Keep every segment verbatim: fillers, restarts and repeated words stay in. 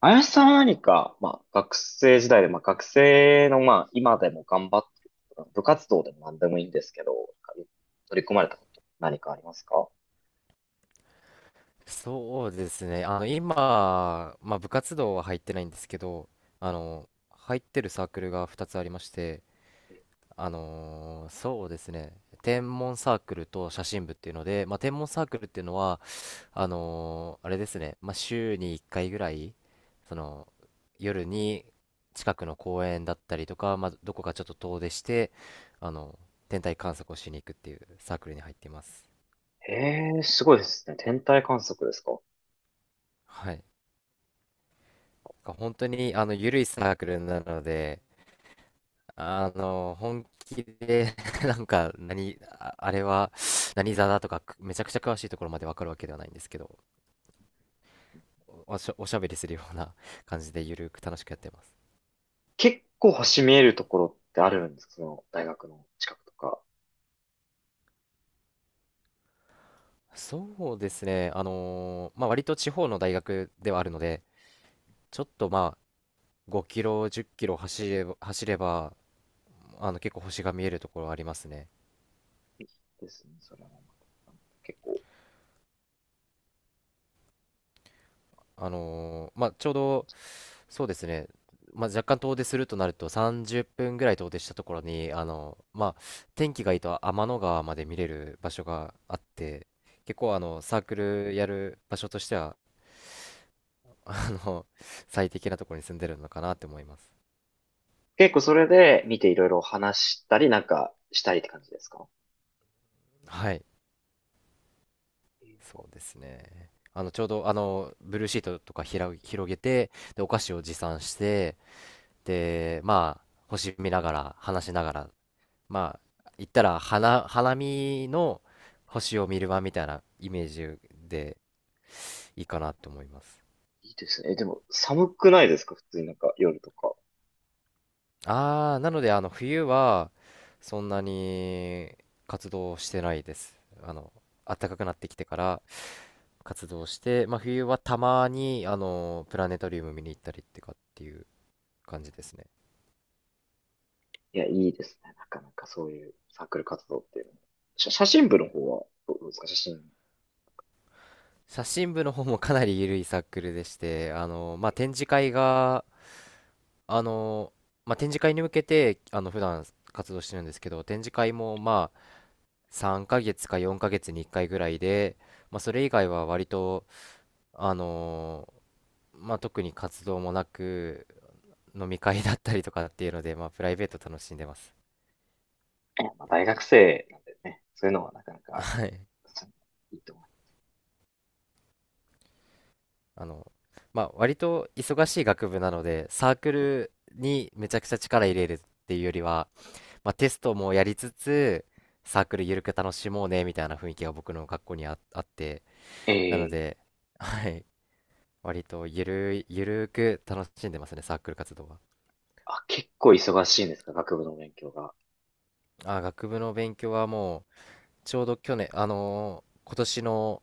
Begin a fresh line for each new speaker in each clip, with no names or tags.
林さんは何か、まあ、学生時代で、まあ、学生の、まあ、今でも頑張ってること、部活動でも何でもいいんですけど、取り組まれたこと何かありますか？
そうですね。あの、今、まあ、部活動は入ってないんですけど、あの、入ってるサークルがふたつありまして、あのーそうですね。天文サークルと写真部っていうので、まあ、天文サークルっていうのは、あのーあれですね。まあ、週にいっかいぐらい、その、夜に近くの公園だったりとか、まあ、どこかちょっと遠出して、あの、天体観測をしに行くっていうサークルに入っています。
ええー、すごいですね。天体観測ですか？
はい。なんか本当にあの緩いサークルなので、あの本気で なんか何、ああれは何座だとかくめちゃくちゃ詳しいところまでわかるわけではないんですけど、おしゃ、おしゃべりするような 感じで緩く楽しくやってます。
結構星見えるところってあるんですか、その大学の近くとか？
そうですね、あのーまあ割と地方の大学ではあるので、ちょっとまあごキロ、じっキロ走れば、走ればあの結構星が見えるところありますね。
ですね。それもまた結構、
あのーまあ、ちょうど、そうですね、まあ、若干遠出するとなるとさんじゅっぷんぐらい遠出したところに、あのーまあ、天気がいいと天の川まで見れる場所があって、結構あのサークルやる場所としては、あの最適なところに住んでるのかなって思います。
結構それで見ていろいろ話したりなんかしたりって感じですか？
はい、
えー
そうですね。あのちょうどあのブルーシートとかひら広げて、でお菓子を持参して、で、まあ、星見ながら、話しながらまあ言ったら花、花見の星を見る場みたいなイメージでいいかなと思います。
いいですね。えでも寒くないですか？普通になんか夜とか。
ああ、なのであの冬はそんなに活動してないです。あの暖かくなってきてから活動して、まあ、冬はたまにあのプラネタリウム見に行ったりってかっていう感じですね。
いや、いいですね。なかなかそういうサークル活動っていうのも。写写真部の方はどうですか、写真。
写真部の方もかなり緩いサークルでして、あのまあ、展示会があのー、まあ、展示会に向けて、あの、普段活動してるんですけど、展示会も、まあ、さんかげつかよんかげつにいっかいぐらいで、まあ、それ以外は割と、あのー、まあ、特に活動もなく、飲み会だったりとかっていうので、まあ、プライベート楽しんでます。
えまあ、大学生なんでね。そういうのはなかなか、
はい。
そういいと思います。
あの、まあ、割と忙しい学部なので、サークルにめちゃくちゃ力入れるっていうよりは、まあ、テストもやりつつ、サークルゆるく楽しもうね、みたいな雰囲気が僕の学校にあ、あって、なの
ええ。
で、はい、割とゆるい、ゆるーく楽しんでますね、サークル活動は。
あ、結構忙しいんですか、学部の勉強が？
あ、学部の勉強はもう、ちょうど去年、あのー今年の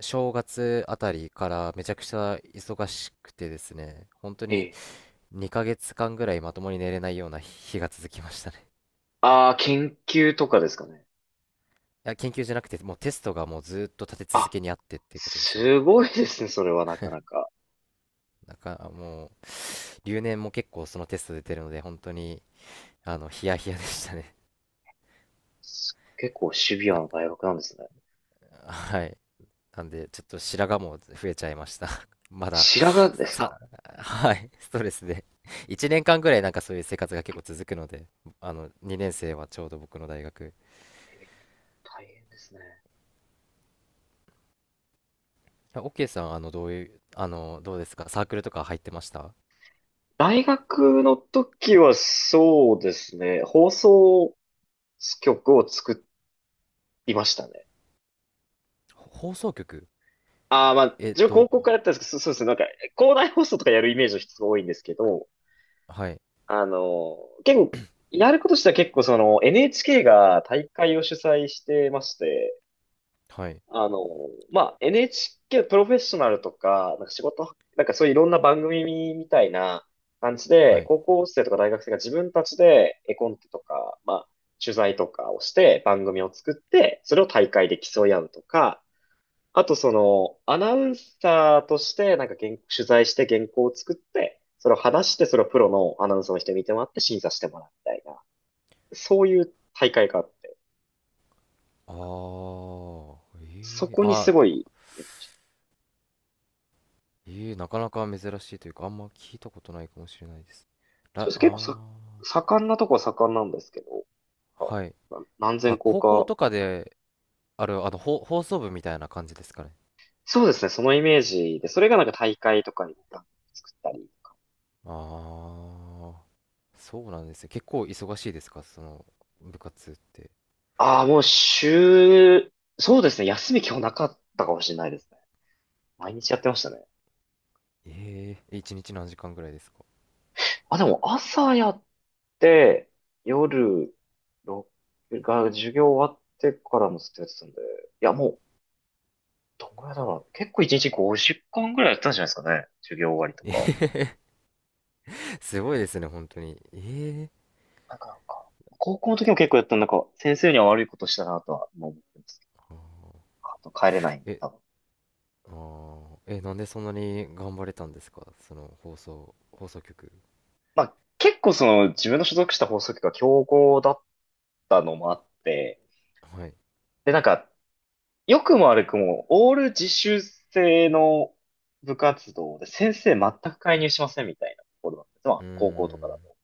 正月あたりからめちゃくちゃ忙しくてですね、本当に
ええ。
にかげつかんぐらいまともに寝れないような日が続きましたね。
ああ、研究とかですかね？
いや、研究じゃなくて、もうテストがもうずーっと立て続
あ、
けにあってっていうことですね。
すごいですね。それはなかなか。
なんか、もう、留年も結構そのテスト出てるので、本当に、あの、ヒヤヒヤでしたね。
す結構シビア
な
な
ん
大学なんですね。
か、はい。なんで、ちょっと白髪も増えちゃいました。まだ、
白髪ですか？
さ、はい、ストレスで。いちねんかんぐらいなんかそういう生活が結構続くので、あの、にねん生はちょうど僕の大学。
ええ、大変ですね。
オッケーさん、あの、どういう、あの、どうですか？サークルとか入ってました？
大学の時はそうですね、放送曲を作りましたね。
ほ放送局？
ああ、まあ、
えっ
自分高
と、
校からやったんですけど、そそうですね、なんか、校内放送とかやるイメージの人が多いんですけど、
はい、
あの、結構、やることとしては結構その エヌエイチケー が大会を主催してまして、
はい、
あの、まあ、エヌエイチケー プロフェッショナルとか、なんか仕事、なんかそういういろんな番組みたいな感じ
は
で、
い。
高校生とか大学生が自分たちで絵コンテとか、まあ、取材とかをして番組を作って、それを大会で競い合うとか、あとその、アナウンサーとして、なんか原取材して原稿を作って、それを話して、それをプロのアナウンサーの人に見てもらって審査してもらうみたいな、そういう大会があって、
あー、
そ
えー、
こに
あ
すごい、えっと
えー、なかなか珍しいというか、あんま聞いたことないかもしれないです。
そ
ら、
うです、
あ
結構さ、
ー、
盛んなとこは盛んなんですけど、
はい。
あ、な何千
あ、
校
高校
か。
とかで、あれあの、ほ放送部みたいな感じですかね。
そうですね、そのイメージで、それがなんか大会とかに作ったりとか。
ああ、そうなんですね。結構忙しいですか、その部活って。
ああ、もう週、そうですね、休み今日なかったかもしれないですね。毎日やってましたね。
ええ、一日何時間ぐらいですか。
あ、でも朝やって夜ろくが授業終わってからもずっとやってたんで、いや、もうどんぐらいだろう。結構いちにちごじゅう間ぐらいやってたんじゃないですかね。授業終わりと
え
か。
え、 すごいですね、本当に。ええ、
なんかなんか、高校の時も結構やったんでなんか先生には悪いことしたなとは今思ってますけど。
あ
あと帰れないん
ー
で
え、
多分。
あーえ、なんでそんなに頑張れたんですか、その放送、放送局。
まあ結構その自分の所属した放送局が強豪だったのもあって、
はい。
でなんか良くも悪くも、オール自習制の部活動で先生全く介入しませんみたいなところだったんです。ま
う
あ、
ー
高校とかだ
ん、
と。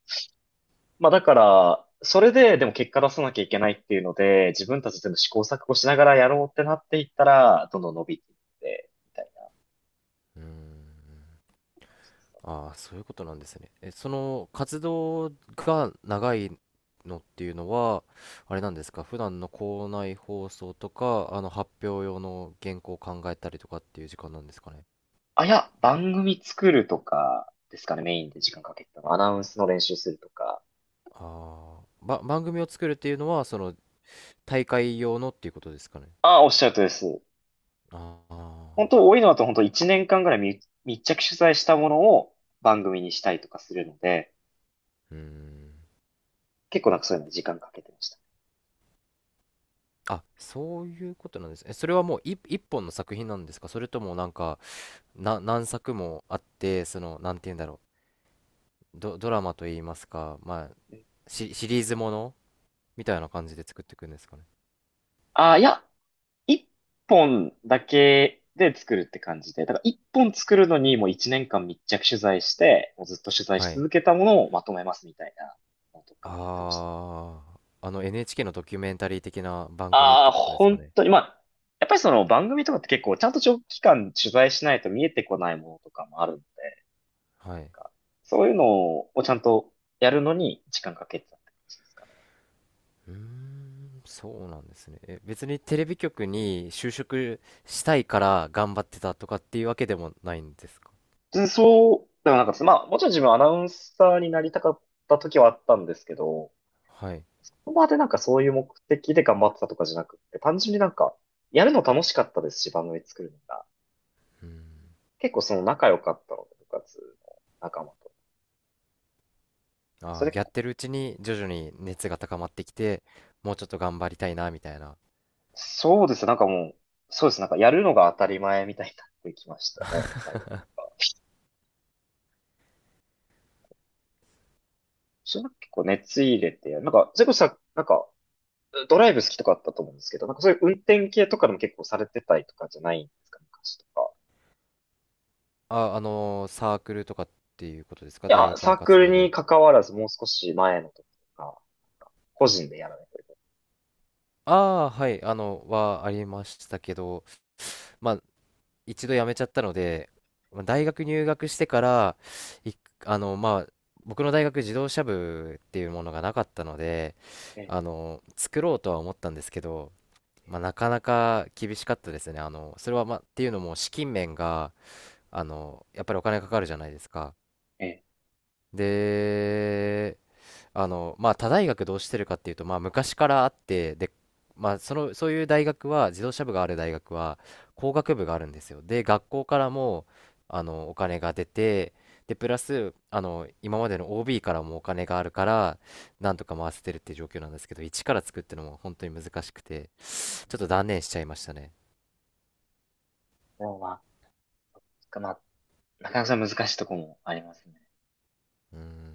まあ、だから、それででも結果出さなきゃいけないっていうので、自分たちでも試行錯誤しながらやろうってなっていったら、どんどん伸びていって、みたいな。
うーん。ああ、そういうことなんですね。え、その活動が長いのっていうのは、あれなんですか、普段の校内放送とか、あの発表用の原稿を考えたりとかっていう時間なんですかね。
あ、いや、番組作るとかですかね、メインで時間かけてたの。アナウンスの練習するとか。
ああ、ば、番組を作るっていうのは、その大会用のっていうことですかね。
あ、おっしゃるとりです。
ああ、
本当多いのだと本当いちねんかんぐらい密密着取材したものを番組にしたりとかするので、
うーん。
結構なんかそういうのに時間かけてました。
あ、そういうことなんですね。え、それはもう一一本の作品なんですか？それともなんか、な、何作もあって、その、なんて言うんだろう。ド、ドラマと言いますか、まあ、シ、シリーズものみたいな感じで作っていくんですかね。
ああ、いや、一本だけで作るって感じで、だから一本作るのにもういちねんかん密着取材して、もうずっと取材
は
し
い。
続けたものをまとめますみたいなのとかやってましたね。
ああ、あの エヌエイチケー のドキュメンタリー的な番組っ
あ
て
あ、
ことですか
本
ね。
当に、まあ、やっぱりその番組とかって結構ちゃんと長期間取材しないと見えてこないものとかもあるんで、
はい。
なんかそういうのをちゃんとやるのに時間かけてたって感じですかね？
うーん、そうなんですね。え、別にテレビ局に就職したいから頑張ってたとかっていうわけでもないんですか？
うん。そうでも、なんか、まあ、もちろん自分アナウンサーになりたかった時はあったんですけど、
はい。
そこまでなんかそういう目的で頑張ってたとかじゃなくって、単純になんか、やるの楽しかったですし、番組作るのが。
うん。
結構その仲良かったので、部活の仲間と。
あ
そ
あ、
れで
や
結
っ
構、
てるうちに徐々に熱が高まってきて、もうちょっと頑張りたいな、みたいな。
そうですね。なんかもう、そうです。なんかやるのが当たり前みたいになってきましたね、最後 の方が。それなんか結構熱入れてやる。なんか、それこそさ、なんか、ドライブ好きとかあったと思うんですけど、なんかそういう運転系とかでも結構されてたりとかじゃないんですか、昔とか。
あ、あのーサークルとかっていうことですか？
い
大
や、
学
サ
の
ーク
活
ル
動
に
で。
関わらずもう少し前の時とか、個人でやらないとです
ああ、はい、あの、はありましたけど、まあ、一度辞めちゃったので、まあ大学入学してから、いあの、まあ、僕の大学自動車部っていうものがなかったので、
ね。
あの、作ろうとは思ったんですけど、まあ、なかなか厳しかったですね。あの、それは、まあ、っていうのも資金面が、あの、やっぱりお金かかるじゃないですか。
ええ。
で、あの、まあ、他大学どうしてるかっていうと、まあ、昔からあって、で、まあ、その、そういう大学は、自動車部がある大学は、工学部があるんですよ。で、学校からも、あの、お金が出て、で、プラス、あの、今までの オービー からもお金があるから、なんとか回せてるっていう状況なんですけど、一から作ってのも本当に難しくて、ちょっと断念しちゃいましたね。
でもうまあ、まあ、なかなか難しいとこもありますね。
うん。